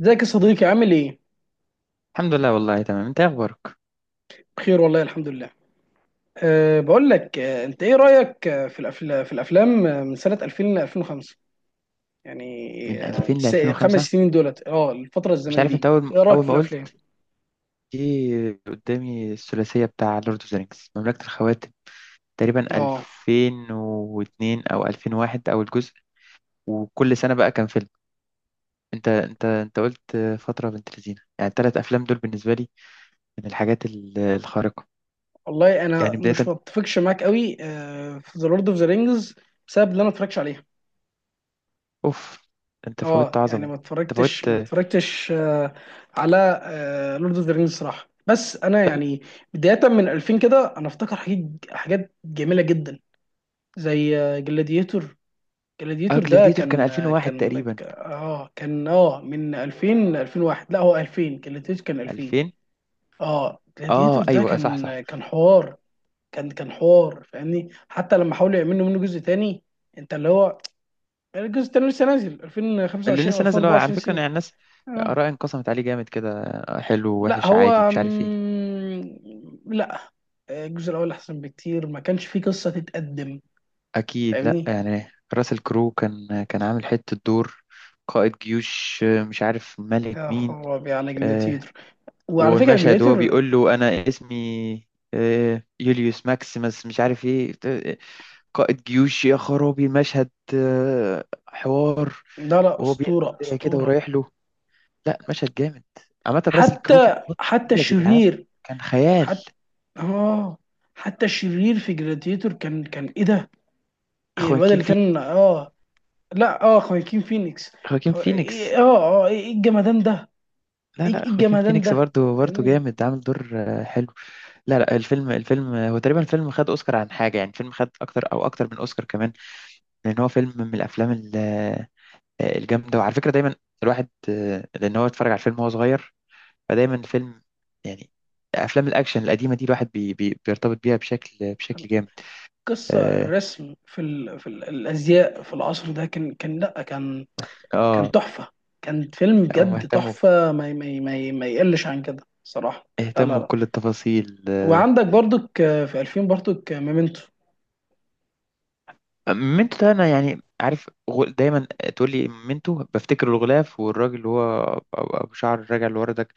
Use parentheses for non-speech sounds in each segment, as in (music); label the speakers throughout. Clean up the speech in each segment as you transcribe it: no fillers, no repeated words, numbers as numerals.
Speaker 1: ازيك يا صديقي، عامل ايه؟
Speaker 2: الحمد لله والله تمام. انت ايه اخبارك؟
Speaker 1: بخير والله، الحمد لله. بقول لك، انت ايه رأيك في الافلام من سنة 2000 ل 2005 يعني
Speaker 2: من 2000 ل
Speaker 1: الخمس
Speaker 2: 2005؟
Speaker 1: سنين دولت، الفترة
Speaker 2: مش
Speaker 1: الزمنية
Speaker 2: عارف. انت
Speaker 1: دي
Speaker 2: اول
Speaker 1: ايه رأيك
Speaker 2: اول
Speaker 1: في
Speaker 2: ما
Speaker 1: الافلام؟
Speaker 2: قلت جه قدامي الثلاثيه بتاع لورد اوف ذا رينجز، مملكه الخواتم، تقريبا
Speaker 1: اه
Speaker 2: 2002 او 2001 اول جزء. وكل سنه بقى كان فيلم. انت قلت فتره بنت لذينه. يعني الثلاث افلام دول بالنسبه لي من الحاجات الخارقه.
Speaker 1: والله انا
Speaker 2: يعني
Speaker 1: مش
Speaker 2: بدايه
Speaker 1: متفقش معاك قوي في ذا لورد اوف ذا رينجز بسبب ان انا ما اتفرجتش عليها.
Speaker 2: اوف، انت فوتت
Speaker 1: اه يعني
Speaker 2: عظمه.
Speaker 1: ما
Speaker 2: انت
Speaker 1: اتفرجتش
Speaker 2: فوتت.
Speaker 1: ما اتفرجتش على لورد اوف ذا رينجز صراحة. بس انا
Speaker 2: طب.
Speaker 1: يعني بداية من 2000 كده، انا افتكر حاجات، جميلة جدا، زي جلاديتور.
Speaker 2: اه،
Speaker 1: جلاديتور ده
Speaker 2: جلاديتور كان
Speaker 1: كان
Speaker 2: 2001
Speaker 1: كان
Speaker 2: تقريبا.
Speaker 1: كان من 2000 ل 2001، لا هو 2000، جلاديتور كان 2000.
Speaker 2: 2000.
Speaker 1: اه
Speaker 2: اه،
Speaker 1: جلاديتور ده
Speaker 2: ايوه صح صح.
Speaker 1: كان حوار، فاهمني؟ حتى لما حاولوا يعملوا منه جزء تاني، انت اللي هو الجزء التاني لسه نازل
Speaker 2: اللي
Speaker 1: 2025 او
Speaker 2: لسه نازل هو على
Speaker 1: 2024
Speaker 2: فكرة،
Speaker 1: سين.
Speaker 2: يعني الناس
Speaker 1: اه
Speaker 2: آراء انقسمت عليه جامد كده، حلو
Speaker 1: لا
Speaker 2: وحش عادي
Speaker 1: هو
Speaker 2: مش عارف ايه.
Speaker 1: لا، الجزء الاول احسن بكتير، ما كانش فيه قصة تتقدم،
Speaker 2: أكيد لأ.
Speaker 1: فاهمني.
Speaker 2: يعني راسل كرو كان عامل حتة دور، قائد جيوش مش عارف ملك
Speaker 1: يا
Speaker 2: مين.
Speaker 1: خرابي على
Speaker 2: آه،
Speaker 1: جلاديتور! وعلى فكرة
Speaker 2: والمشهد هو
Speaker 1: جلاديتور،
Speaker 2: بيقول له: أنا اسمي يوليوس ماكسيمس مش عارف ايه، قائد جيوش. يا خرابي المشهد! حوار.
Speaker 1: لا، لا،
Speaker 2: وهو بيقلع
Speaker 1: اسطوره
Speaker 2: الدرع كده
Speaker 1: اسطوره.
Speaker 2: ورايح له. لأ، المشهد جامد. عامة راسل كرو في
Speaker 1: حتى
Speaker 2: الفترة
Speaker 1: حتى
Speaker 2: دي يا جدعان
Speaker 1: الشرير
Speaker 2: كان خيال.
Speaker 1: حتى اه حتى الشرير في جلاديتور كان ايه ده؟ إيه الواد
Speaker 2: خواكين
Speaker 1: اللي كان
Speaker 2: فينيكس.
Speaker 1: لا، خواكين فينيكس.
Speaker 2: خواكين فينيكس.
Speaker 1: إيه الجمدان ده؟
Speaker 2: لا لا،
Speaker 1: إيه
Speaker 2: خواكين
Speaker 1: الجمدان
Speaker 2: فينيكس
Speaker 1: ده،
Speaker 2: برضو. برضو
Speaker 1: فاهمني.
Speaker 2: جامد عامل دور، حلو. لا لا، الفيلم هو تقريبا الفيلم خد اوسكار عن حاجه، يعني الفيلم خد اكتر او اكتر من اوسكار كمان. لان هو فيلم من الافلام الجامده. وعلى فكره دايما الواحد، لان هو اتفرج على الفيلم وهو صغير، فدايما الفيلم، يعني افلام الاكشن القديمه دي الواحد بي بي بيرتبط بيها
Speaker 1: أنا-
Speaker 2: بشكل جامد.
Speaker 1: قصه
Speaker 2: اه
Speaker 1: الرسم في ال... الازياء في العصر ده، كان لا، كان
Speaker 2: آه،
Speaker 1: تحفه. كان فيلم
Speaker 2: هم
Speaker 1: بجد
Speaker 2: اهتموا
Speaker 1: تحفه، ما يقلش عن كده صراحه. لا، لا،
Speaker 2: اهتموا
Speaker 1: لا.
Speaker 2: بكل التفاصيل.
Speaker 1: وعندك برضك في 2000 برضك ميمنتو.
Speaker 2: مينتو ده انا يعني عارف، دايما تقول لي مينتو بفتكر الغلاف والراجل اللي هو أبو شعر راجع لورا ده.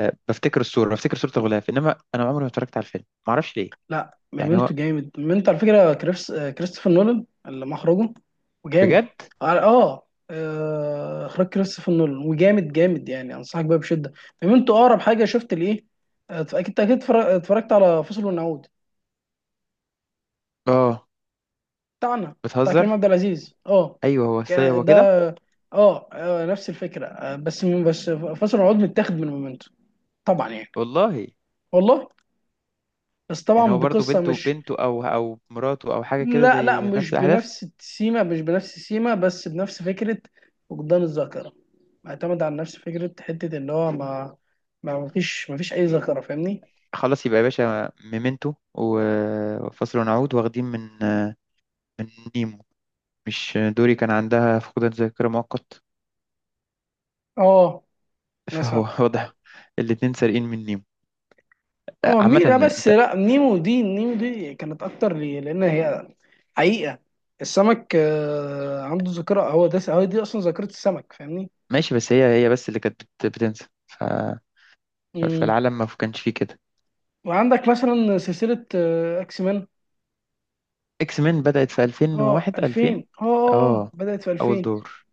Speaker 2: بفتكر الصورة، بفتكر صورة الغلاف، إنما أنا عمري ما اتفرجت على الفيلم، معرفش ليه.
Speaker 1: لا،
Speaker 2: يعني
Speaker 1: ميمنتو
Speaker 2: هو
Speaker 1: جامد، ميمنتو على فكره كريستوفر نولان اللي مخرجه، وجامد.
Speaker 2: بجد.
Speaker 1: اخراج كريستوفر نولان، وجامد جامد يعني، انصحك بيها بشده. ميمنتو اقرب حاجه شفت لايه اكيد اكيد اتفرجت على فصل ونعود
Speaker 2: آه.
Speaker 1: بتاعنا، بتاع كريم
Speaker 2: بتهزر.
Speaker 1: عبد العزيز
Speaker 2: أيوه، هو
Speaker 1: ك-
Speaker 2: السيد هو كده.
Speaker 1: ده نفس الفكره بس فصل ونعود متاخد من ميمنتو طبعا يعني.
Speaker 2: والله.
Speaker 1: والله، بس
Speaker 2: يعني
Speaker 1: طبعا
Speaker 2: هو برضو
Speaker 1: بقصه مش،
Speaker 2: بنته أو مراته أو حاجة كده،
Speaker 1: لا، لا،
Speaker 2: زي نفس الأحداث.
Speaker 1: مش بنفس السيما، بس بنفس فكرة فقدان الذاكرة، معتمد على نفس فكرة حتة إن هو ما ما فيش أي ذاكرة، فاهمني؟
Speaker 2: خلاص، يبقى يا باشا ميمنتو وفصل ونعود واخدين من، من نيمو. مش دوري كان عندها فقدان ذاكرة مؤقت؟
Speaker 1: اه
Speaker 2: فهو
Speaker 1: مثلا،
Speaker 2: (laughs) واضح الاتنين سارقين مني.
Speaker 1: اه
Speaker 2: عامة
Speaker 1: مينا، بس
Speaker 2: انت
Speaker 1: لا، نيمو دي كانت أكتر لي، لأن هي حقيقة السمك عنده ذاكرة، هو ده، هو دي أصلا ذاكرة السمك، فاهمني؟
Speaker 2: ماشي. بس هي بس اللي كانت بتنسى. ف...
Speaker 1: مم.
Speaker 2: فالعالم ما كانش فيه كده.
Speaker 1: وعندك مثلا سلسلة أكس مان.
Speaker 2: اكس مين بدأت في
Speaker 1: اه
Speaker 2: 2001، 2000.
Speaker 1: 2000،
Speaker 2: اه،
Speaker 1: بدأت في
Speaker 2: اول
Speaker 1: 2000.
Speaker 2: دور.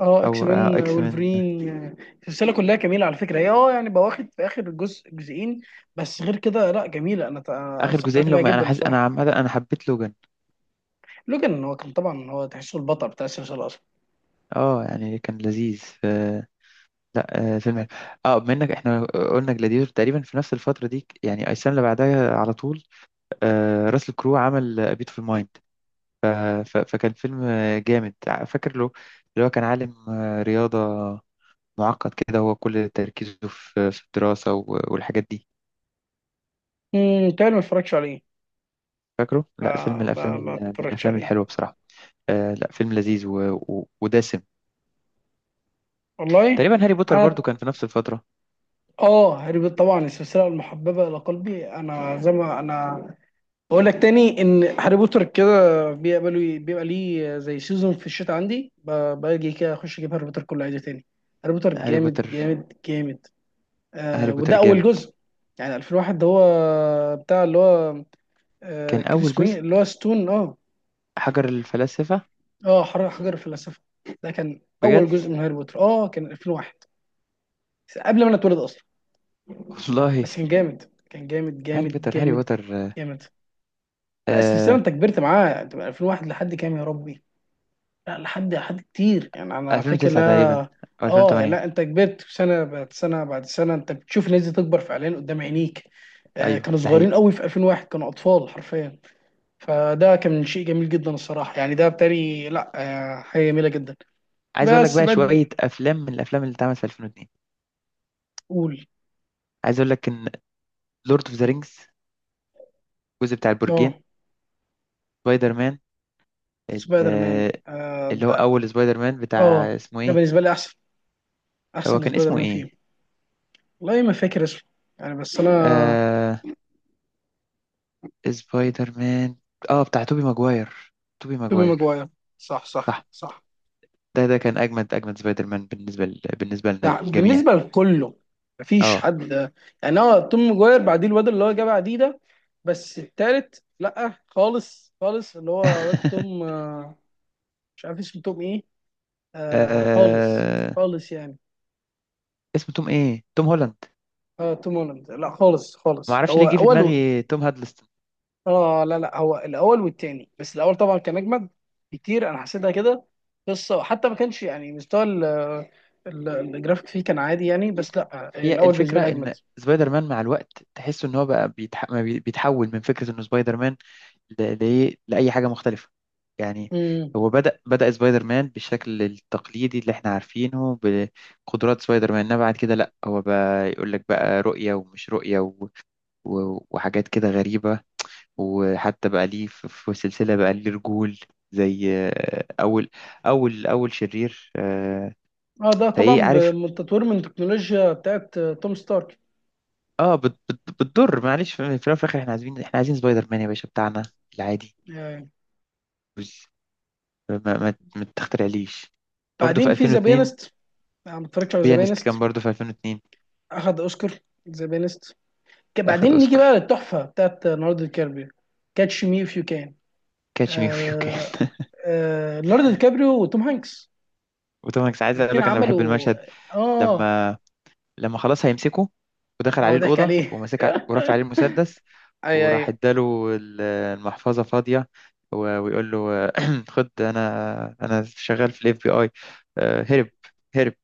Speaker 1: اه اكس
Speaker 2: او
Speaker 1: مان،
Speaker 2: اكس مين.
Speaker 1: وولفرين السلسله كلها جميله على فكره. هي يعني بواخد في اخر جزء، جزئين، بس غير كده، لا جميله، انا
Speaker 2: اخر
Speaker 1: استمتعت
Speaker 2: جزئين،
Speaker 1: بيها
Speaker 2: لما انا
Speaker 1: جدا
Speaker 2: حاسس، انا
Speaker 1: الصراحه.
Speaker 2: عامة انا حبيت لوجان.
Speaker 1: لوجان هو كان طبعا، هو تحسه البطل بتاع السلسله اصلا.
Speaker 2: اه يعني كان لذيذ. ف... لا، فيلم حلو. اه، بما انك احنا قلنا جلاديتور تقريبا في نفس الفترة دي، يعني السنة اللي بعدها على طول، راسل كرو عمل بيت في الماين. ف... ف... فكان فيلم جامد، فاكر له، اللي هو كان عالم رياضة معقد كده، هو كل تركيزه في الدراسة والحاجات دي.
Speaker 1: تاني ما اتفرجتش عليه،
Speaker 2: فاكره؟ لا، فيلم من الأفلام،
Speaker 1: ما
Speaker 2: من
Speaker 1: اتفرجتش
Speaker 2: الأفلام
Speaker 1: عليه
Speaker 2: الحلوة بصراحة. آه، لا فيلم لذيذ و... و... ودسم.
Speaker 1: والله.
Speaker 2: تقريبا هاري بوتر برضو
Speaker 1: انا
Speaker 2: كان في نفس الفترة.
Speaker 1: اه هاري بوتر، طبعا السلسله المحببه الى قلبي، انا زي ما انا بقول لك تاني، ان هاري بوتر كده بيبقى لي، بيبقى ليه زي سيزون في الشتاء عندي، باجي كده اخش اجيب هاري بوتر كله عادي تاني. هاري بوتر
Speaker 2: هاري
Speaker 1: جامد
Speaker 2: بوتر.
Speaker 1: جامد جامد.
Speaker 2: هاري بوتر
Speaker 1: وده اول
Speaker 2: جامد.
Speaker 1: جزء، يعني 2001 ده هو بتاع اللي هو،
Speaker 2: كان
Speaker 1: كان
Speaker 2: أول
Speaker 1: اسمه ايه،
Speaker 2: جزء
Speaker 1: اللي هو ستون
Speaker 2: حجر الفلاسفة.
Speaker 1: حجر الفلسفه، ده كان اول
Speaker 2: بجد.
Speaker 1: جزء من هاري بوتر، كان 2001، قبل ما انا اتولد اصلا.
Speaker 2: والله.
Speaker 1: بس كان جامد، كان جامد
Speaker 2: (laughs) هاري
Speaker 1: جامد
Speaker 2: بوتر، هاري
Speaker 1: جامد
Speaker 2: بوتر. آه.
Speaker 1: جامد. لا السلسله
Speaker 2: آه،
Speaker 1: انت كبرت معاها، انت من 2001 لحد كام يا ربي، لا لحد كتير يعني، انا فاكر،
Speaker 2: 2009 تقريبا
Speaker 1: لا.
Speaker 2: أو
Speaker 1: اه يعني
Speaker 2: 2008.
Speaker 1: لا، انت كبرت سنه بعد سنه بعد سنه، انت بتشوف الناس دي تكبر فعليا قدام عينيك.
Speaker 2: أيوه،
Speaker 1: كانوا
Speaker 2: ده
Speaker 1: صغيرين
Speaker 2: حقيقي.
Speaker 1: قوي في 2001، كانوا اطفال حرفيا، فده كان شيء جميل جدا الصراحه يعني، ده بتاري، لا. حاجه جميله جدا.
Speaker 2: عايز اقول لك
Speaker 1: بس
Speaker 2: بقى
Speaker 1: بعد،
Speaker 2: شويه افلام من الافلام اللي اتعملت في 2002.
Speaker 1: تقول،
Speaker 2: عايز اقول لك ان لورد اوف ذا رينجز، الجزء بتاع
Speaker 1: اه
Speaker 2: البرجين، سبايدر مان،
Speaker 1: سبايدر مان،
Speaker 2: ال- اللي هو
Speaker 1: ده،
Speaker 2: اول سبايدر مان
Speaker 1: اه
Speaker 2: بتاع اسمه
Speaker 1: ده
Speaker 2: ايه.
Speaker 1: بالنسبه لي احسن،
Speaker 2: هو
Speaker 1: احسن
Speaker 2: كان
Speaker 1: سبايدر
Speaker 2: اسمه
Speaker 1: مان
Speaker 2: ايه؟
Speaker 1: فيهم. والله ما فاكر اسمه، يعني بس انا.
Speaker 2: آه، سبايدر مان، اه بتاع توبي ماجواير. توبي
Speaker 1: توبي
Speaker 2: ماجواير.
Speaker 1: ماجواير، صح، صح،
Speaker 2: صح.
Speaker 1: صح.
Speaker 2: ده كان اجمد، اجمد سبايدر مان بالنسبه بالنسبه لنا
Speaker 1: ده
Speaker 2: الجميع.
Speaker 1: بالنسبه لكله، مفيش
Speaker 2: اه.
Speaker 1: حد يعني. هو توم ماجواير، بعديه الواد اللي هو جاب بعديه ده. بس التالت، لا خالص خالص، اللي هو واد توم
Speaker 2: (laughs)
Speaker 1: مش عارف اسمه توم ايه. خالص
Speaker 2: آه،
Speaker 1: خالص يعني.
Speaker 2: اسمه توم ايه؟ توم هولاند.
Speaker 1: اه توم هولاند، لا خالص
Speaker 2: ما
Speaker 1: خالص،
Speaker 2: اعرفش ليه
Speaker 1: هو
Speaker 2: جه في
Speaker 1: اول و...
Speaker 2: دماغي توم هادلست.
Speaker 1: اه لا، لا، هو الاول والتاني، بس الاول طبعا كان اجمد. كتير انا حسيتها كده قصه، وحتى ما كانش يعني مستوى الجرافيك فيه كان عادي يعني، بس لا
Speaker 2: هي
Speaker 1: الاول بالنسبه
Speaker 2: الفكرة
Speaker 1: لي
Speaker 2: إن سبايدر مان مع الوقت تحس إن هو بقى بيتح... ما بي- بيتحول من فكرة إنه سبايدر مان لأي حاجة مختلفة. يعني
Speaker 1: اجمد.
Speaker 2: هو بدأ سبايدر مان بالشكل التقليدي اللي إحنا عارفينه، بقدرات سبايدر مان. إنما بعد كده لأ، هو بقى يقول لك بقى رؤية ومش رؤية وحاجات كده غريبة. وحتى بقى ليه في سلسلة بقى ليه رجول زي، أول شرير،
Speaker 1: اه ده
Speaker 2: فإيه
Speaker 1: طبعا
Speaker 2: عارف.
Speaker 1: بالتطوير من التكنولوجيا بتاعت توم ستارك
Speaker 2: اه بت بت بتضر، معلش. في الأول وفي الاخر احنا عايزين سبايدر مان يا باشا بتاعنا العادي.
Speaker 1: يعني.
Speaker 2: بس ما تخترعليش. برضه في
Speaker 1: بعدين في ذا
Speaker 2: 2002
Speaker 1: بيانست، انا ما اتفرجتش على ذا
Speaker 2: بيانست
Speaker 1: بيانست،
Speaker 2: كان برضه في 2002.
Speaker 1: اخد اوسكار ذا بيانست.
Speaker 2: اخد
Speaker 1: بعدين نيجي بقى
Speaker 2: اوسكار.
Speaker 1: للتحفه بتاعت ليوناردو دي كابريو. كاتش مي اف يو كان.
Speaker 2: كاتش مي فيو كان. (laughs)
Speaker 1: ليوناردو دي كابريو وتوم هانكس،
Speaker 2: وطبعا كنت عايز اقول
Speaker 1: الاثنين
Speaker 2: لك انا بحب
Speaker 1: عملوا،
Speaker 2: المشهد،
Speaker 1: اه
Speaker 2: لما لما خلاص هيمسكه، ودخل
Speaker 1: اه
Speaker 2: عليه
Speaker 1: ضحك
Speaker 2: الاوضه
Speaker 1: عليه.
Speaker 2: ومسك، ورفع عليه المسدس،
Speaker 1: (laughs) اي،
Speaker 2: وراح
Speaker 1: اي،
Speaker 2: اداله المحفظه فاضيه، ويقول له: (clears throat) خد، انا، انا شغال في الاف بي اي. هرب، هرب،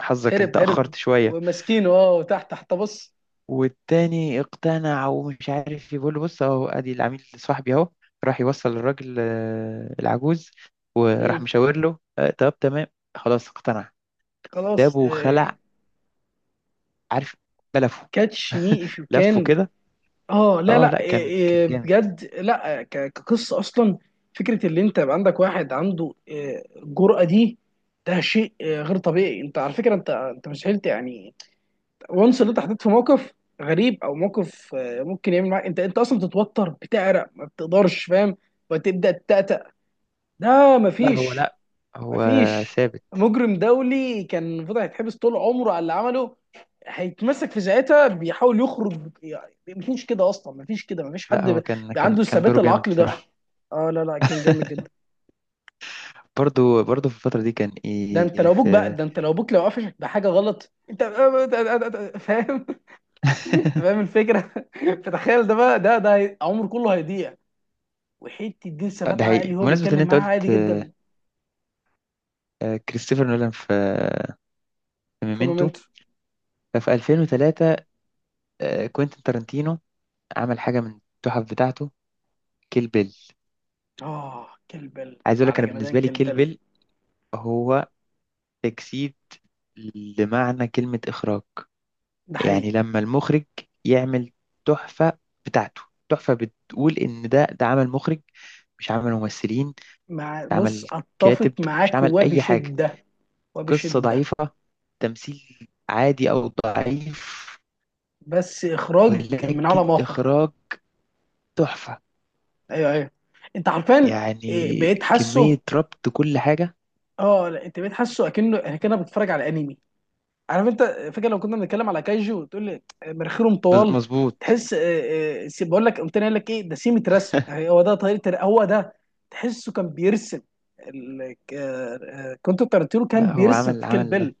Speaker 2: حظك انت
Speaker 1: هرب، هرب،
Speaker 2: اخرت شويه.
Speaker 1: وماسكينه تحت تحت، بص.
Speaker 2: والتاني اقتنع ومش عارف، يقول له: بص اهو، ادي العميل صاحبي اهو. راح يوصل للراجل، العجوز، وراح
Speaker 1: مم.
Speaker 2: مشاور له، طب تمام. خلاص اقتنع.
Speaker 1: خلاص.
Speaker 2: جابه وخلع، عارف، لفه،
Speaker 1: كاتش مي اف يو
Speaker 2: لفه
Speaker 1: كان.
Speaker 2: كده.
Speaker 1: اه لا،
Speaker 2: اه،
Speaker 1: لا،
Speaker 2: لا
Speaker 1: إيه،
Speaker 2: كان
Speaker 1: إيه
Speaker 2: جامد.
Speaker 1: بجد، لا كقصه اصلا. فكره اللي انت يبقى عندك واحد، عنده الجرأه دي، ده شيء غير طبيعي، انت على فكره انت مستحيل يعني، وانس اللي انت حطيت في موقف غريب، او موقف ممكن يعمل معاك، انت اصلا بتتوتر، بتعرق، ما بتقدرش، فاهم؟ وتبدا تتأتأ، ده
Speaker 2: لا هو،
Speaker 1: مفيش.
Speaker 2: لا هو
Speaker 1: مفيش
Speaker 2: ثابت.
Speaker 1: مجرم دولي كان المفروض هيتحبس طول عمره على اللي عمله، هيتمسك في ساعتها بيحاول يخرج يعني، مفيش كده اصلا، مفيش كده، مفيش
Speaker 2: لا
Speaker 1: حد
Speaker 2: هو كان كان
Speaker 1: عنده
Speaker 2: كان
Speaker 1: الثبات
Speaker 2: دوره جامد
Speaker 1: العقلي ده.
Speaker 2: بصراحة.
Speaker 1: اه لا، لا، كان جامد جدا.
Speaker 2: (laughs) برضو برضو في الفترة دي كان ايه في.
Speaker 1: ده انت لو ابوك لو قفشك بحاجه غلط، انت (laughs) فاهم؟ انت فاهم
Speaker 2: (laughs)
Speaker 1: الفكره، (laughs) فتخيل ده بقى، عمره كله هيضيع، وحته دي
Speaker 2: ده
Speaker 1: ثبات
Speaker 2: حقيقي.
Speaker 1: عقلي، هو
Speaker 2: بمناسبة ان
Speaker 1: بيتكلم
Speaker 2: انت
Speaker 1: معاه عادي
Speaker 2: قلت،
Speaker 1: جدا.
Speaker 2: كريستوفر نولان في، في
Speaker 1: في
Speaker 2: ميمنتو،
Speaker 1: مومنتو.
Speaker 2: ففي 2003 كوينتين تارانتينو عمل حاجة من التحف بتاعته: كيل بيل.
Speaker 1: اه كلبل.
Speaker 2: عايز أقول لك
Speaker 1: وعلى
Speaker 2: أنا
Speaker 1: جمدان
Speaker 2: بالنسبة لي كيل
Speaker 1: كلبل.
Speaker 2: بيل هو تجسيد لمعنى كلمة إخراج.
Speaker 1: ده
Speaker 2: يعني
Speaker 1: حقيقي،
Speaker 2: لما المخرج يعمل تحفة بتاعته، تحفة بتقول إن ده عمل مخرج، مش عمل ممثلين.
Speaker 1: مع
Speaker 2: ده
Speaker 1: بص،
Speaker 2: عمل
Speaker 1: اتفق
Speaker 2: كاتب، مش
Speaker 1: معاك
Speaker 2: عمل أي حاجة.
Speaker 1: وبشده،
Speaker 2: قصة
Speaker 1: وبشده.
Speaker 2: ضعيفة، تمثيل عادي أو ضعيف،
Speaker 1: بس اخراج من
Speaker 2: ولكن
Speaker 1: عالم اخر.
Speaker 2: إخراج تحفة.
Speaker 1: ايوه، ايوه، انت عارفان.
Speaker 2: يعني
Speaker 1: بقيت حاسه،
Speaker 2: كمية ربط كل حاجة.
Speaker 1: اه لا انت بقيت حاسه اكنه، بتتفرج على انمي، عارف انت؟ فاكر لو كنا بنتكلم على كايجو، وتقول لي مناخيرهم طوال؟
Speaker 2: مظبوط.
Speaker 1: تحس بقول لك، قمت أنا قايل لك ايه؟ ده سيمة رسم، يعني هو ده طريقه، هو ده. تحسه كان بيرسم ال- ك- آه، كنت ترتيرو، كان
Speaker 2: لا هو
Speaker 1: بيرسم في كيل بيل.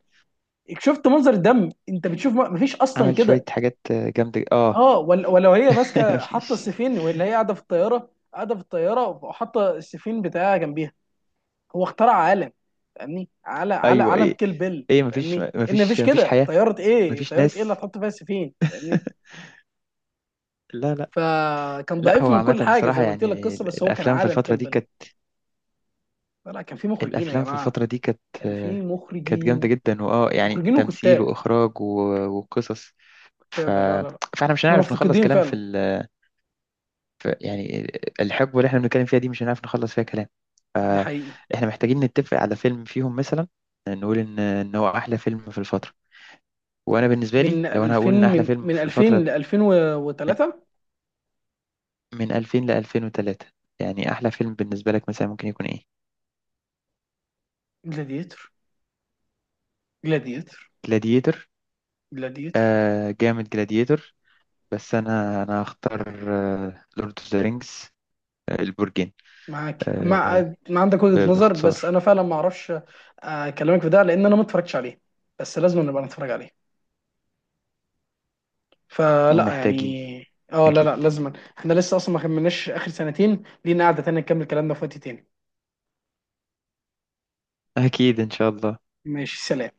Speaker 1: شفت منظر دم انت بتشوف؟ ما فيش اصلا
Speaker 2: عمل شوية
Speaker 1: كده.
Speaker 2: حاجات جامدة. اه.
Speaker 1: اه ولا، ولو هي
Speaker 2: (laughs)
Speaker 1: ماسكه حاطه
Speaker 2: مفيش.
Speaker 1: السفين، ولا هي قاعده في الطياره وحاطه السفين بتاعها جنبيها. هو اخترع عالم، فاهمني؟ على
Speaker 2: ايوه
Speaker 1: عالم
Speaker 2: ايه
Speaker 1: كيل بيل،
Speaker 2: ايه.
Speaker 1: فاهمني ان مفيش
Speaker 2: مفيش
Speaker 1: كده،
Speaker 2: حياة.
Speaker 1: طياره ايه؟
Speaker 2: مفيش
Speaker 1: طياره ايه اللي
Speaker 2: ناس.
Speaker 1: هتحط فيها السفين، فاهمني؟
Speaker 2: (laughs) لا لا.
Speaker 1: فكان
Speaker 2: لا
Speaker 1: ضعيف
Speaker 2: هو
Speaker 1: من كل
Speaker 2: عامة
Speaker 1: حاجه زي
Speaker 2: بصراحة،
Speaker 1: ما قلت لك،
Speaker 2: يعني
Speaker 1: القصه، بس هو كان
Speaker 2: الأفلام في
Speaker 1: عالم
Speaker 2: الفترة
Speaker 1: كيل
Speaker 2: دي
Speaker 1: بيل.
Speaker 2: كانت،
Speaker 1: لا، كان في مخرجين يا
Speaker 2: الأفلام في
Speaker 1: جماعه،
Speaker 2: الفترة دي كانت،
Speaker 1: كان في
Speaker 2: كانت جامدة
Speaker 1: مخرجين،
Speaker 2: جدا. واه يعني
Speaker 1: مخرجين
Speaker 2: تمثيل
Speaker 1: وكتاب،
Speaker 2: وإخراج وقصص. ف...
Speaker 1: كتابه، لا، لا، لا.
Speaker 2: فاحنا مش
Speaker 1: احنا
Speaker 2: هنعرف نخلص
Speaker 1: مفتقدين
Speaker 2: كلام
Speaker 1: فعلا،
Speaker 2: ف يعني الحقبة اللي احنا بنتكلم فيها دي مش هنعرف نخلص فيها كلام.
Speaker 1: ده حقيقي.
Speaker 2: فاحنا محتاجين نتفق على فيلم فيهم مثلا، نقول ان هو احلى فيلم في الفترة. وانا بالنسبة لي،
Speaker 1: من
Speaker 2: لو انا
Speaker 1: 2000،
Speaker 2: هقول ان احلى
Speaker 1: من
Speaker 2: فيلم
Speaker 1: من
Speaker 2: في
Speaker 1: 2000
Speaker 2: الفترة
Speaker 1: ل
Speaker 2: من
Speaker 1: 2003.
Speaker 2: 2000 ل 2003، يعني احلى فيلم بالنسبة لك مثلا ممكن يكون ايه؟
Speaker 1: جلاديتور، جلاديتر،
Speaker 2: جلاديتور.
Speaker 1: جلاديتر.
Speaker 2: آه جامد جلاديتور. بس انا، هختار لورد اوف ذا رينجز، البرجين.
Speaker 1: معاك مع
Speaker 2: آه،
Speaker 1: ما عندك وجهة نظر، بس
Speaker 2: باختصار،
Speaker 1: انا فعلا ما اعرفش اكلمك في ده لان انا ما اتفرجتش عليه، بس لازم نبقى نتفرج عليه. فلا
Speaker 2: محتاجين.
Speaker 1: يعني، لا،
Speaker 2: اكيد.
Speaker 1: لا لازم. احنا لسه اصلا ما كملناش اخر سنتين، لينا قعدة تانية نكمل كلامنا في وقت تاني.
Speaker 2: اكيد ان شاء الله.
Speaker 1: ماشي، سلام.